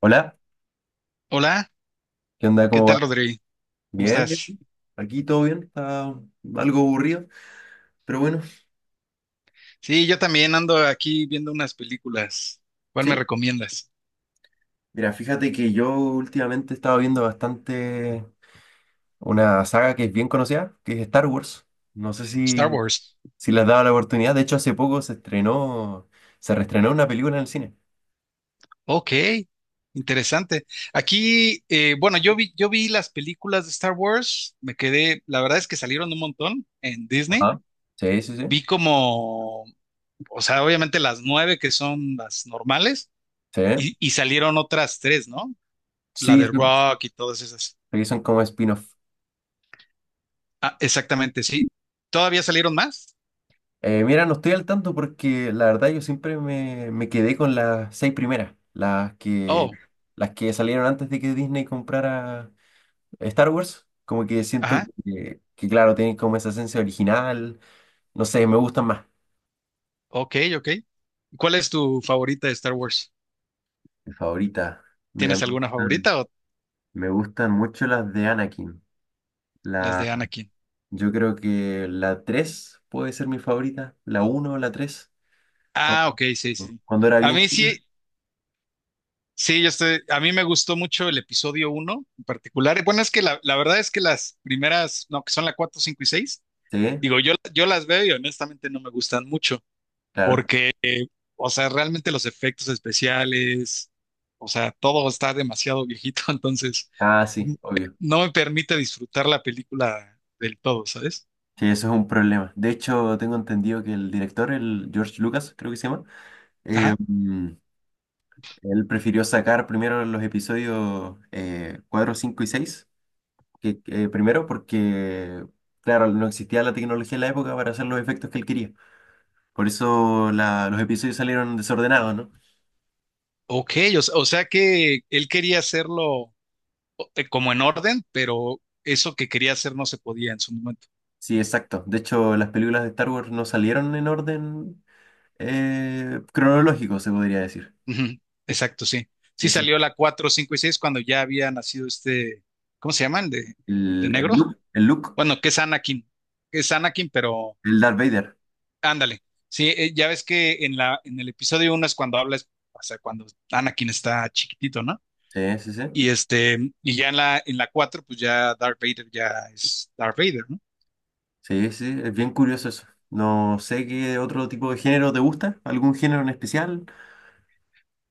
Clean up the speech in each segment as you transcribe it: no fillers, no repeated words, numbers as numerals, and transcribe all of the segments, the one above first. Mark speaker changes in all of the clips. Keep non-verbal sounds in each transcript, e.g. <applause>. Speaker 1: Hola,
Speaker 2: Hola,
Speaker 1: ¿qué onda?
Speaker 2: ¿qué
Speaker 1: ¿Cómo
Speaker 2: tal,
Speaker 1: va?
Speaker 2: Rodri? ¿Cómo
Speaker 1: Bien, bien.
Speaker 2: estás?
Speaker 1: Aquí todo bien, está algo aburrido, pero bueno,
Speaker 2: Sí, yo también ando aquí viendo unas películas. ¿Cuál me
Speaker 1: sí.
Speaker 2: recomiendas?
Speaker 1: Mira, fíjate que yo últimamente he estado viendo bastante una saga que es bien conocida, que es Star Wars. No sé
Speaker 2: Star
Speaker 1: si,
Speaker 2: Wars.
Speaker 1: si le has dado la oportunidad. De hecho, hace poco se reestrenó una película en el cine.
Speaker 2: Ok, interesante. Aquí, bueno, yo vi las películas de Star Wars, me quedé, la verdad es que salieron un montón en Disney.
Speaker 1: Ajá. Sí, sí, sí.
Speaker 2: Vi como, o sea, obviamente las nueve que son las normales
Speaker 1: Sí,
Speaker 2: y salieron otras tres, ¿no? La de
Speaker 1: sí,
Speaker 2: Rock y todas esas.
Speaker 1: sí, son como spin-off.
Speaker 2: Ah, exactamente, sí. ¿Todavía salieron más?
Speaker 1: Mira, no estoy al tanto porque la verdad yo siempre me quedé con las seis primeras, las que,
Speaker 2: Oh,
Speaker 1: las que salieron antes de que Disney comprara Star Wars. Como que siento
Speaker 2: ajá,
Speaker 1: que, claro, tienen como esa esencia original. No sé, me gustan más.
Speaker 2: ok, ok. ¿Cuál es tu favorita de Star Wars?
Speaker 1: Mi favorita. Mira, me
Speaker 2: ¿Tienes alguna
Speaker 1: gustan,
Speaker 2: favorita o
Speaker 1: me gustan mucho las de Anakin.
Speaker 2: las de
Speaker 1: La,
Speaker 2: Anakin?
Speaker 1: yo creo que la 3 puede ser mi favorita. La uno o la 3.
Speaker 2: Ah, ok, sí, sí,
Speaker 1: Cuando,
Speaker 2: sí.
Speaker 1: cuando era
Speaker 2: A
Speaker 1: bien
Speaker 2: mí
Speaker 1: chico.
Speaker 2: sí, sí, yo estoy, a mí me gustó mucho el episodio uno en particular. Bueno, es que la verdad es que las primeras, no, que son la 4, 5 y 6,
Speaker 1: Sí,
Speaker 2: digo, yo las veo y honestamente no me gustan mucho
Speaker 1: claro.
Speaker 2: porque, o sea, realmente los efectos especiales, o sea, todo está demasiado viejito, <laughs> entonces
Speaker 1: Ah,
Speaker 2: n-
Speaker 1: sí, obvio.
Speaker 2: no me permite disfrutar la película del todo, ¿sabes?
Speaker 1: Sí, eso es un problema. De hecho, tengo entendido que el director, el George Lucas, creo que se llama, eh,
Speaker 2: Ajá.
Speaker 1: mm, él prefirió sacar primero los episodios 4, 5 y 6 que primero porque, claro, no existía la tecnología en la época para hacer los efectos que él quería. Por eso los episodios salieron desordenados, ¿no?
Speaker 2: Ok, o sea que él quería hacerlo como en orden, pero eso que quería hacer no se podía en su momento.
Speaker 1: Sí, exacto. De hecho, las películas de Star Wars no salieron en orden cronológico, se podría decir.
Speaker 2: Ujú, exacto, sí.
Speaker 1: Sí,
Speaker 2: Sí
Speaker 1: eso.
Speaker 2: salió la 4, 5 y 6 cuando ya había nacido este, ¿cómo se llaman? De
Speaker 1: El, el
Speaker 2: negro.
Speaker 1: look, el look,
Speaker 2: Bueno, que es Anakin. Es Anakin, pero
Speaker 1: el Darth Vader.
Speaker 2: ándale. Sí, ya ves que en la, en el episodio uno es cuando hablas, o sea, cuando Anakin está chiquitito, ¿no?
Speaker 1: Sí, sí, sí.
Speaker 2: Y este, y ya en la 4 pues ya Darth Vader ya es Darth Vader, ¿no?
Speaker 1: Sí, sí, es bien curioso eso. No sé qué otro tipo de género te gusta, algún género en especial.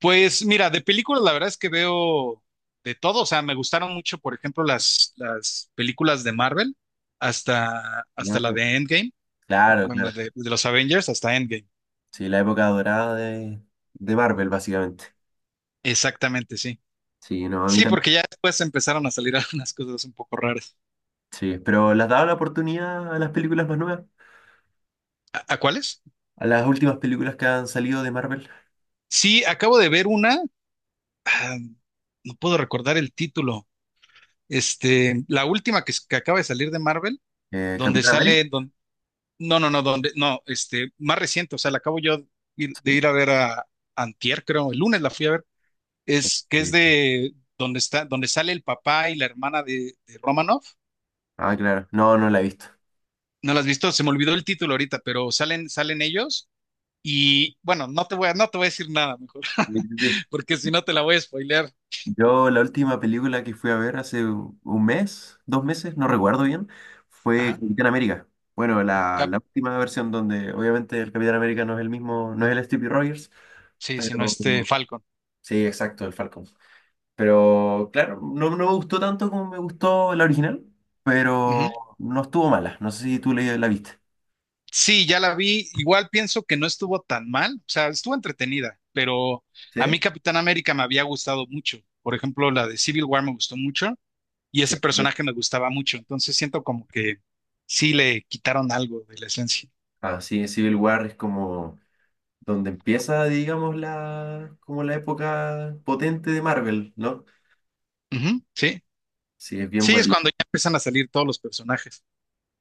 Speaker 2: Pues mira, de películas la verdad es que veo de todo, o sea, me gustaron mucho, por ejemplo, las películas de Marvel, hasta, hasta
Speaker 1: Ya,
Speaker 2: la de Endgame,
Speaker 1: claro,
Speaker 2: bueno,
Speaker 1: claro.
Speaker 2: de los Avengers hasta Endgame.
Speaker 1: Sí, la época dorada de Marvel, básicamente.
Speaker 2: Exactamente, sí.
Speaker 1: Sí, no, a mí
Speaker 2: Sí,
Speaker 1: también.
Speaker 2: porque ya después empezaron a salir <laughs> algunas cosas un poco raras.
Speaker 1: Sí, pero ¿le has dado la oportunidad a las películas más nuevas?
Speaker 2: A cuáles?
Speaker 1: A las últimas películas que han salido de Marvel.
Speaker 2: Sí, acabo de ver una, ah, no puedo recordar el título, este, la última que, que acaba de salir de Marvel, donde
Speaker 1: Capitán América.
Speaker 2: sale, no, no, no, donde, no, este, más reciente, o sea, la acabo yo de
Speaker 1: Sí.
Speaker 2: ir a ver a Antier, creo, el lunes la fui a ver, es que es
Speaker 1: Eh,
Speaker 2: de donde está, donde sale el papá y la hermana de Romanoff.
Speaker 1: ah, claro. No, no la he visto.
Speaker 2: ¿No la has visto? Se me olvidó el título ahorita, pero salen, salen ellos y bueno, no te voy a decir nada mejor, <laughs>
Speaker 1: <laughs>
Speaker 2: porque si no te la voy a spoilear.
Speaker 1: Yo la última película que fui a ver hace 1 mes, 2 meses, no recuerdo bien, fue
Speaker 2: Ajá.
Speaker 1: Capitán América. Bueno, la,
Speaker 2: Cap-
Speaker 1: la última versión donde obviamente el Capitán América no es el mismo, no es el Steve Rogers,
Speaker 2: sí, si no
Speaker 1: pero
Speaker 2: este Falcon.
Speaker 1: sí, exacto, el Falcon. Pero claro, no, no me gustó tanto como me gustó la original, pero no estuvo mala. No sé si tú la viste.
Speaker 2: Sí, ya la vi. Igual pienso que no estuvo tan mal, o sea, estuvo entretenida, pero
Speaker 1: ¿Sí?
Speaker 2: a mí Capitán América me había gustado mucho. Por ejemplo, la de Civil War me gustó mucho y ese
Speaker 1: Sí.
Speaker 2: personaje me gustaba mucho. Entonces siento como que sí le quitaron algo de la esencia.
Speaker 1: Ah, sí, Civil War es como donde empieza, digamos, como la época potente de Marvel, ¿no?
Speaker 2: Ujú, sí,
Speaker 1: Sí, es bien
Speaker 2: sí, es
Speaker 1: bueno.
Speaker 2: cuando ya empiezan a salir todos los personajes.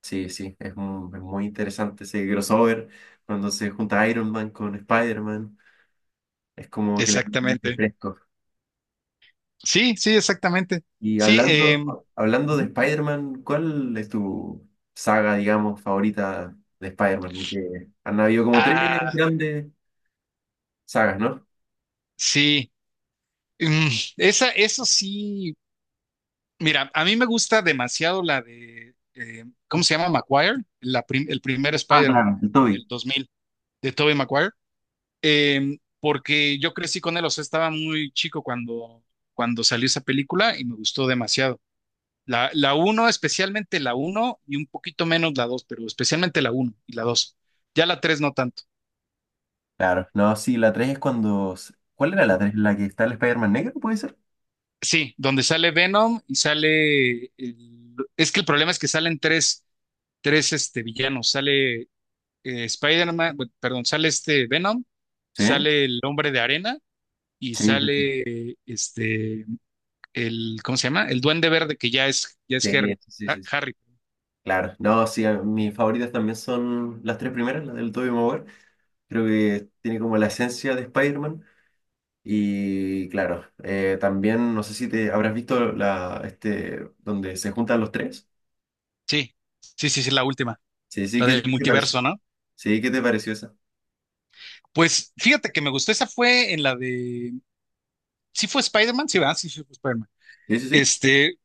Speaker 1: Sí, sí, es muy interesante ese crossover cuando se junta Iron Man con Spider-Man. Es como que le mete
Speaker 2: Exactamente.
Speaker 1: fresco.
Speaker 2: Sí, sí, exactamente.
Speaker 1: Y
Speaker 2: Sí,
Speaker 1: hablando de
Speaker 2: ujú.
Speaker 1: Spider-Man, ¿cuál es tu saga, digamos, favorita de Spider-Man? Y que han habido como tres
Speaker 2: Ah,
Speaker 1: grandes sagas, ¿no?
Speaker 2: sí. Mm, esa, eso sí. Mira, a mí me gusta demasiado la de, ¿cómo se llama? Maguire, el primer
Speaker 1: Ah,
Speaker 2: Spider-Man
Speaker 1: claro, el Toby.
Speaker 2: del 2000, de Tobey Maguire, porque yo crecí con él, o sea, estaba muy chico cuando, cuando salió esa película y me gustó demasiado. La uno, especialmente la uno y un poquito menos la 2, pero especialmente la uno y la 2. Ya la 3 no tanto.
Speaker 1: Claro, no, sí, la tres es cuando... ¿Cuál era la tres? ¿La que está el Spider-Man negro, puede ser?
Speaker 2: Sí, donde sale Venom y sale... es que el problema es que salen tres, tres este, villanos. Sale Spider-Man, perdón, sale este Venom,
Speaker 1: Sí,
Speaker 2: sale el Hombre de Arena y
Speaker 1: sí, sí, sí,
Speaker 2: sale este el ¿cómo se llama? El Duende Verde que ya es
Speaker 1: sí,
Speaker 2: Harry.
Speaker 1: sí, sí, sí.
Speaker 2: Harry.
Speaker 1: Claro, no, sí, mis favoritas también son las tres primeras, las del Tobey Maguire. Creo que tiene como la esencia de Spider-Man. Y claro, también no sé si te habrás visto la, este, donde se juntan los tres.
Speaker 2: Sí. Sí, sí, sí, la última,
Speaker 1: Sí, sí,
Speaker 2: la
Speaker 1: ¿qué te,
Speaker 2: del
Speaker 1: qué te pareció?
Speaker 2: multiverso, ¿no?
Speaker 1: Sí, ¿qué te pareció esa?
Speaker 2: Pues fíjate que me gustó esa fue en la de sí fue Spider-Man, sí, va, sí, sí fue Spider-Man.
Speaker 1: Sí, sí, sí.
Speaker 2: Este,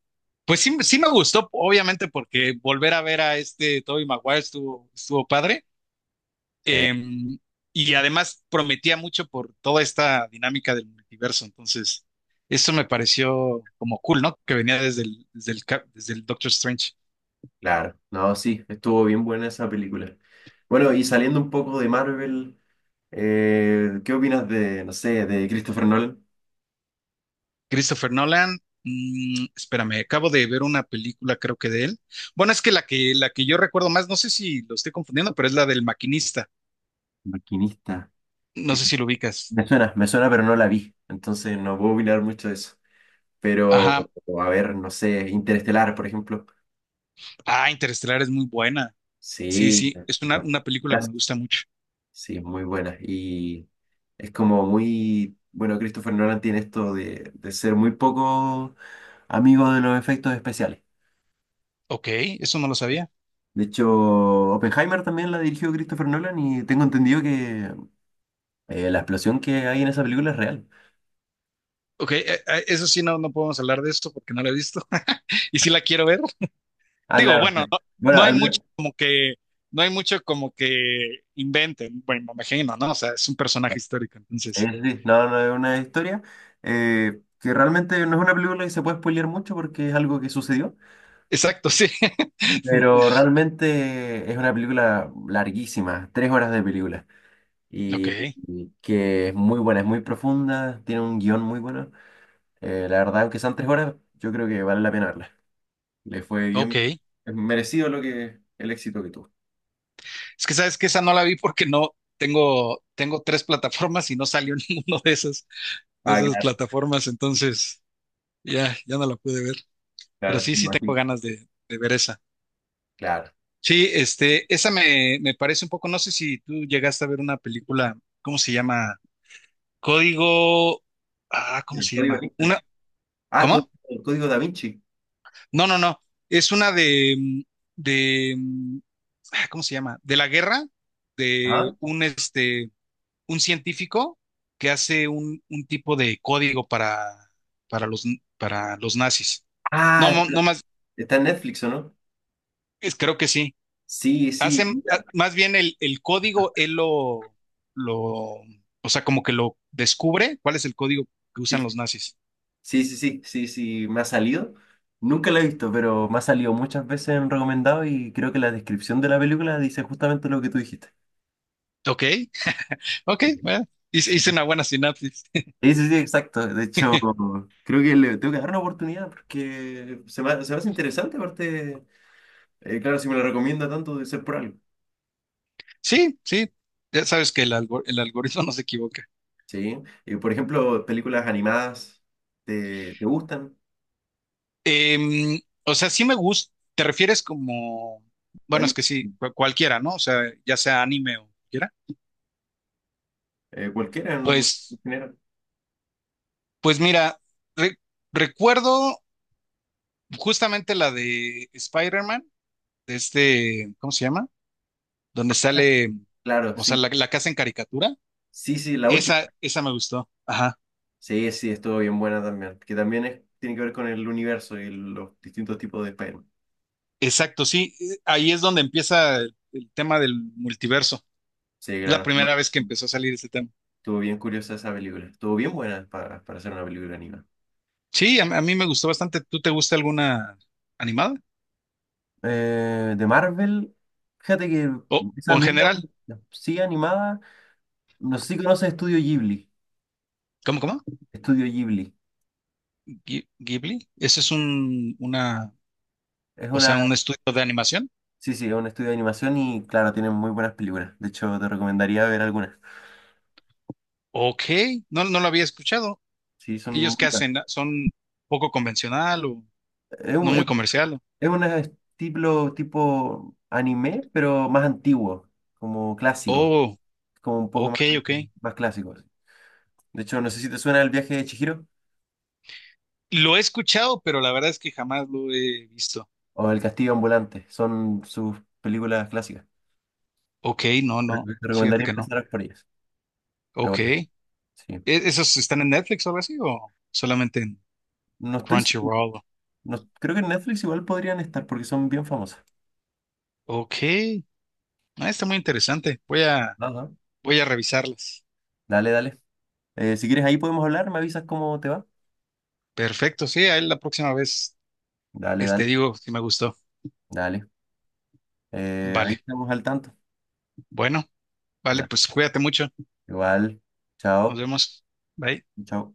Speaker 2: pues sí, sí me gustó, obviamente, porque volver a ver a este Tobey Maguire estuvo, estuvo padre.
Speaker 1: Sí,
Speaker 2: Em, y además prometía mucho por toda esta dinámica del multiverso. Entonces, eso me pareció como cool, ¿no? Que venía desde el, desde el, desde el Doctor Strange.
Speaker 1: claro. No, sí, estuvo bien buena esa película. Bueno, y saliendo un poco de Marvel, ¿Qué opinas no sé, de Christopher Nolan?
Speaker 2: Christopher Nolan, espérame, acabo de ver una película, creo que de él. Bueno, es que la que, la que yo recuerdo más, no sé si lo estoy confundiendo, pero es la del maquinista.
Speaker 1: Maquinista.
Speaker 2: No sé si lo ubicas.
Speaker 1: Me suena, pero no la vi. Entonces no puedo opinar mucho de eso. Pero,
Speaker 2: Ajá.
Speaker 1: a ver, no sé, Interestelar, por ejemplo.
Speaker 2: Ah, Interestelar es muy buena. Sí,
Speaker 1: Sí,
Speaker 2: sí,
Speaker 1: no,
Speaker 2: es una película que me
Speaker 1: gracias.
Speaker 2: gusta mucho.
Speaker 1: Sí, muy buena. Y es como muy, bueno, Christopher Nolan tiene esto de ser muy poco amigo de los efectos especiales.
Speaker 2: Ok, eso no lo sabía.
Speaker 1: De hecho, Oppenheimer también la dirigió Christopher Nolan y tengo entendido que la explosión que hay en esa película es real.
Speaker 2: Ok, eso sí, no, no podemos hablar de esto porque no lo he visto <laughs> y sí la quiero ver.
Speaker 1: Ah,
Speaker 2: Digo,
Speaker 1: claro,
Speaker 2: bueno,
Speaker 1: claro.
Speaker 2: no,
Speaker 1: Bueno,
Speaker 2: no hay
Speaker 1: al
Speaker 2: mucho
Speaker 1: menos,
Speaker 2: como que, no hay mucho como que inventen, bueno, me imagino, ¿no? O sea, es un personaje histórico, entonces.
Speaker 1: sí, no, no es una historia que realmente no es una película que se puede spoilear mucho porque es algo que sucedió.
Speaker 2: Exacto, sí. <laughs>
Speaker 1: Pero realmente es una película larguísima, 3 horas de película,
Speaker 2: Ok,
Speaker 1: y, y que es muy buena, es muy profunda, tiene un guión muy bueno. La verdad, aunque sean 3 horas, yo creo que vale la pena verla. Le fue
Speaker 2: ok.
Speaker 1: bien, es merecido el éxito que tuvo.
Speaker 2: Es que sabes que esa no la vi porque no tengo, tengo tres plataformas y no salió <laughs> ninguno de
Speaker 1: Ah,
Speaker 2: esas
Speaker 1: claro,
Speaker 2: plataformas, entonces ya, ya no la pude ver. Pero
Speaker 1: claro,
Speaker 2: sí,
Speaker 1: me
Speaker 2: sí tengo
Speaker 1: imagino,
Speaker 2: ganas de ver esa.
Speaker 1: claro.
Speaker 2: Sí, este, esa me, me parece un poco, no sé si tú llegaste a ver una película, ¿cómo se llama? Código, ah, ¿cómo
Speaker 1: El
Speaker 2: se
Speaker 1: código
Speaker 2: llama?
Speaker 1: Vinci.
Speaker 2: Una,
Speaker 1: Ah,
Speaker 2: ¿cómo?
Speaker 1: el código Da Vinci.
Speaker 2: No, no, no, es una de, de, ah, ¿cómo se llama? De la guerra, de
Speaker 1: Ajá.
Speaker 2: un, este, un científico que hace un tipo de código para los, para los nazis.
Speaker 1: Ah,
Speaker 2: No, no,
Speaker 1: está
Speaker 2: no más,
Speaker 1: está en Netflix, ¿o no?
Speaker 2: creo que sí.
Speaker 1: Sí, sí,
Speaker 2: Hacen,
Speaker 1: mira,
Speaker 2: más bien el código, lo, o sea, como que lo descubre, cuál es el código que usan
Speaker 1: sí,
Speaker 2: los nazis.
Speaker 1: sí, sí, sí, sí, sí, me ha salido. Nunca la he visto, pero me ha salido muchas veces en recomendado y creo que la descripción de la película dice justamente lo que tú dijiste.
Speaker 2: Ok, ok,
Speaker 1: Sí,
Speaker 2: bueno, hice una buena sinapsis. <laughs>
Speaker 1: sí, sí, sí, exacto. De hecho, creo que le tengo que dar una oportunidad porque se me hace interesante, aparte, claro, si me la recomienda tanto, debe ser por algo.
Speaker 2: Sí, sí, ya sabes que el, el algoritmo <laughs> no se equivoca.
Speaker 1: Sí. Y, por ejemplo, películas animadas, ¿te gustan?
Speaker 2: Em, o sea, sí me gusta, te refieres como, bueno, es
Speaker 1: Ani-
Speaker 2: que sí, cualquiera, ¿no? O sea, ya sea anime o cualquiera.
Speaker 1: cualquiera en
Speaker 2: Pues,
Speaker 1: general.
Speaker 2: pues mira, re- recuerdo justamente la de Spider-Man, de este, ¿cómo se llama? Donde sale,
Speaker 1: Claro,
Speaker 2: o sea,
Speaker 1: sí.
Speaker 2: la casa en caricatura.
Speaker 1: Sí, sí, la última.
Speaker 2: Esa me gustó. Ajá.
Speaker 1: Sí, sí, estuvo bien buena también. Que también es, tiene que ver con el universo y los distintos tipos de Spider-Man.
Speaker 2: Exacto, sí. Ahí es donde empieza el tema del multiverso.
Speaker 1: Sí,
Speaker 2: Es la
Speaker 1: claro. No,
Speaker 2: primera vez que empezó a salir ese tema.
Speaker 1: estuvo bien curiosa esa película. Estuvo bien buena para hacer una película animada.
Speaker 2: Sí, a mí me gustó bastante. ¿Tú te gusta alguna animada?
Speaker 1: De Marvel, fíjate que
Speaker 2: O, o
Speaker 1: esa
Speaker 2: en
Speaker 1: misma,
Speaker 2: general.
Speaker 1: sí animada, no sé si conoces Estudio Ghibli.
Speaker 2: ¿Cómo, cómo?
Speaker 1: Estudio Ghibli.
Speaker 2: Ghi- Ghibli. Ese es un, una,
Speaker 1: Es
Speaker 2: o
Speaker 1: una,
Speaker 2: sea, un estudio de animación.
Speaker 1: sí, sí, es un estudio de animación y claro, tienen muy buenas películas. De hecho, te recomendaría ver algunas.
Speaker 2: Ok, no, no lo había escuchado.
Speaker 1: Sí, son muy
Speaker 2: ¿Ellos qué hacen? ¿Son poco convencional o no muy
Speaker 1: buenas.
Speaker 2: comercial?
Speaker 1: Es un estilo tipo anime, pero más antiguo, como clásico,
Speaker 2: Oh,
Speaker 1: como un poco más,
Speaker 2: ok, ok.
Speaker 1: más clásico. De hecho, no sé si te suena El viaje de Chihiro
Speaker 2: Lo he escuchado, pero la verdad es que jamás lo he visto.
Speaker 1: o El castillo ambulante, son sus películas clásicas.
Speaker 2: Ok, no,
Speaker 1: Pero
Speaker 2: no,
Speaker 1: te
Speaker 2: fíjate
Speaker 1: recomendaría
Speaker 2: que no.
Speaker 1: empezar por ellas. Pero
Speaker 2: Ok.
Speaker 1: bueno,
Speaker 2: ¿E-
Speaker 1: sí.
Speaker 2: ¿Esos están en Netflix o algo así o solamente en
Speaker 1: No estoy seguro.
Speaker 2: Crunchyroll?
Speaker 1: Creo que en Netflix igual podrían estar porque son bien famosas.
Speaker 2: Ok. Ah, está muy interesante. Voy a,
Speaker 1: Ajá.
Speaker 2: voy a revisarlas.
Speaker 1: Dale, dale. Si quieres, ahí podemos hablar, me avisas cómo te va.
Speaker 2: Perfecto, sí, ahí la próxima vez
Speaker 1: Dale,
Speaker 2: este,
Speaker 1: dale,
Speaker 2: digo si me gustó.
Speaker 1: dale. Ahí
Speaker 2: Vale,
Speaker 1: estamos al tanto.
Speaker 2: bueno, vale,
Speaker 1: Dale.
Speaker 2: pues cuídate mucho.
Speaker 1: Igual.
Speaker 2: Nos
Speaker 1: Chao.
Speaker 2: vemos. Bye.
Speaker 1: Chao.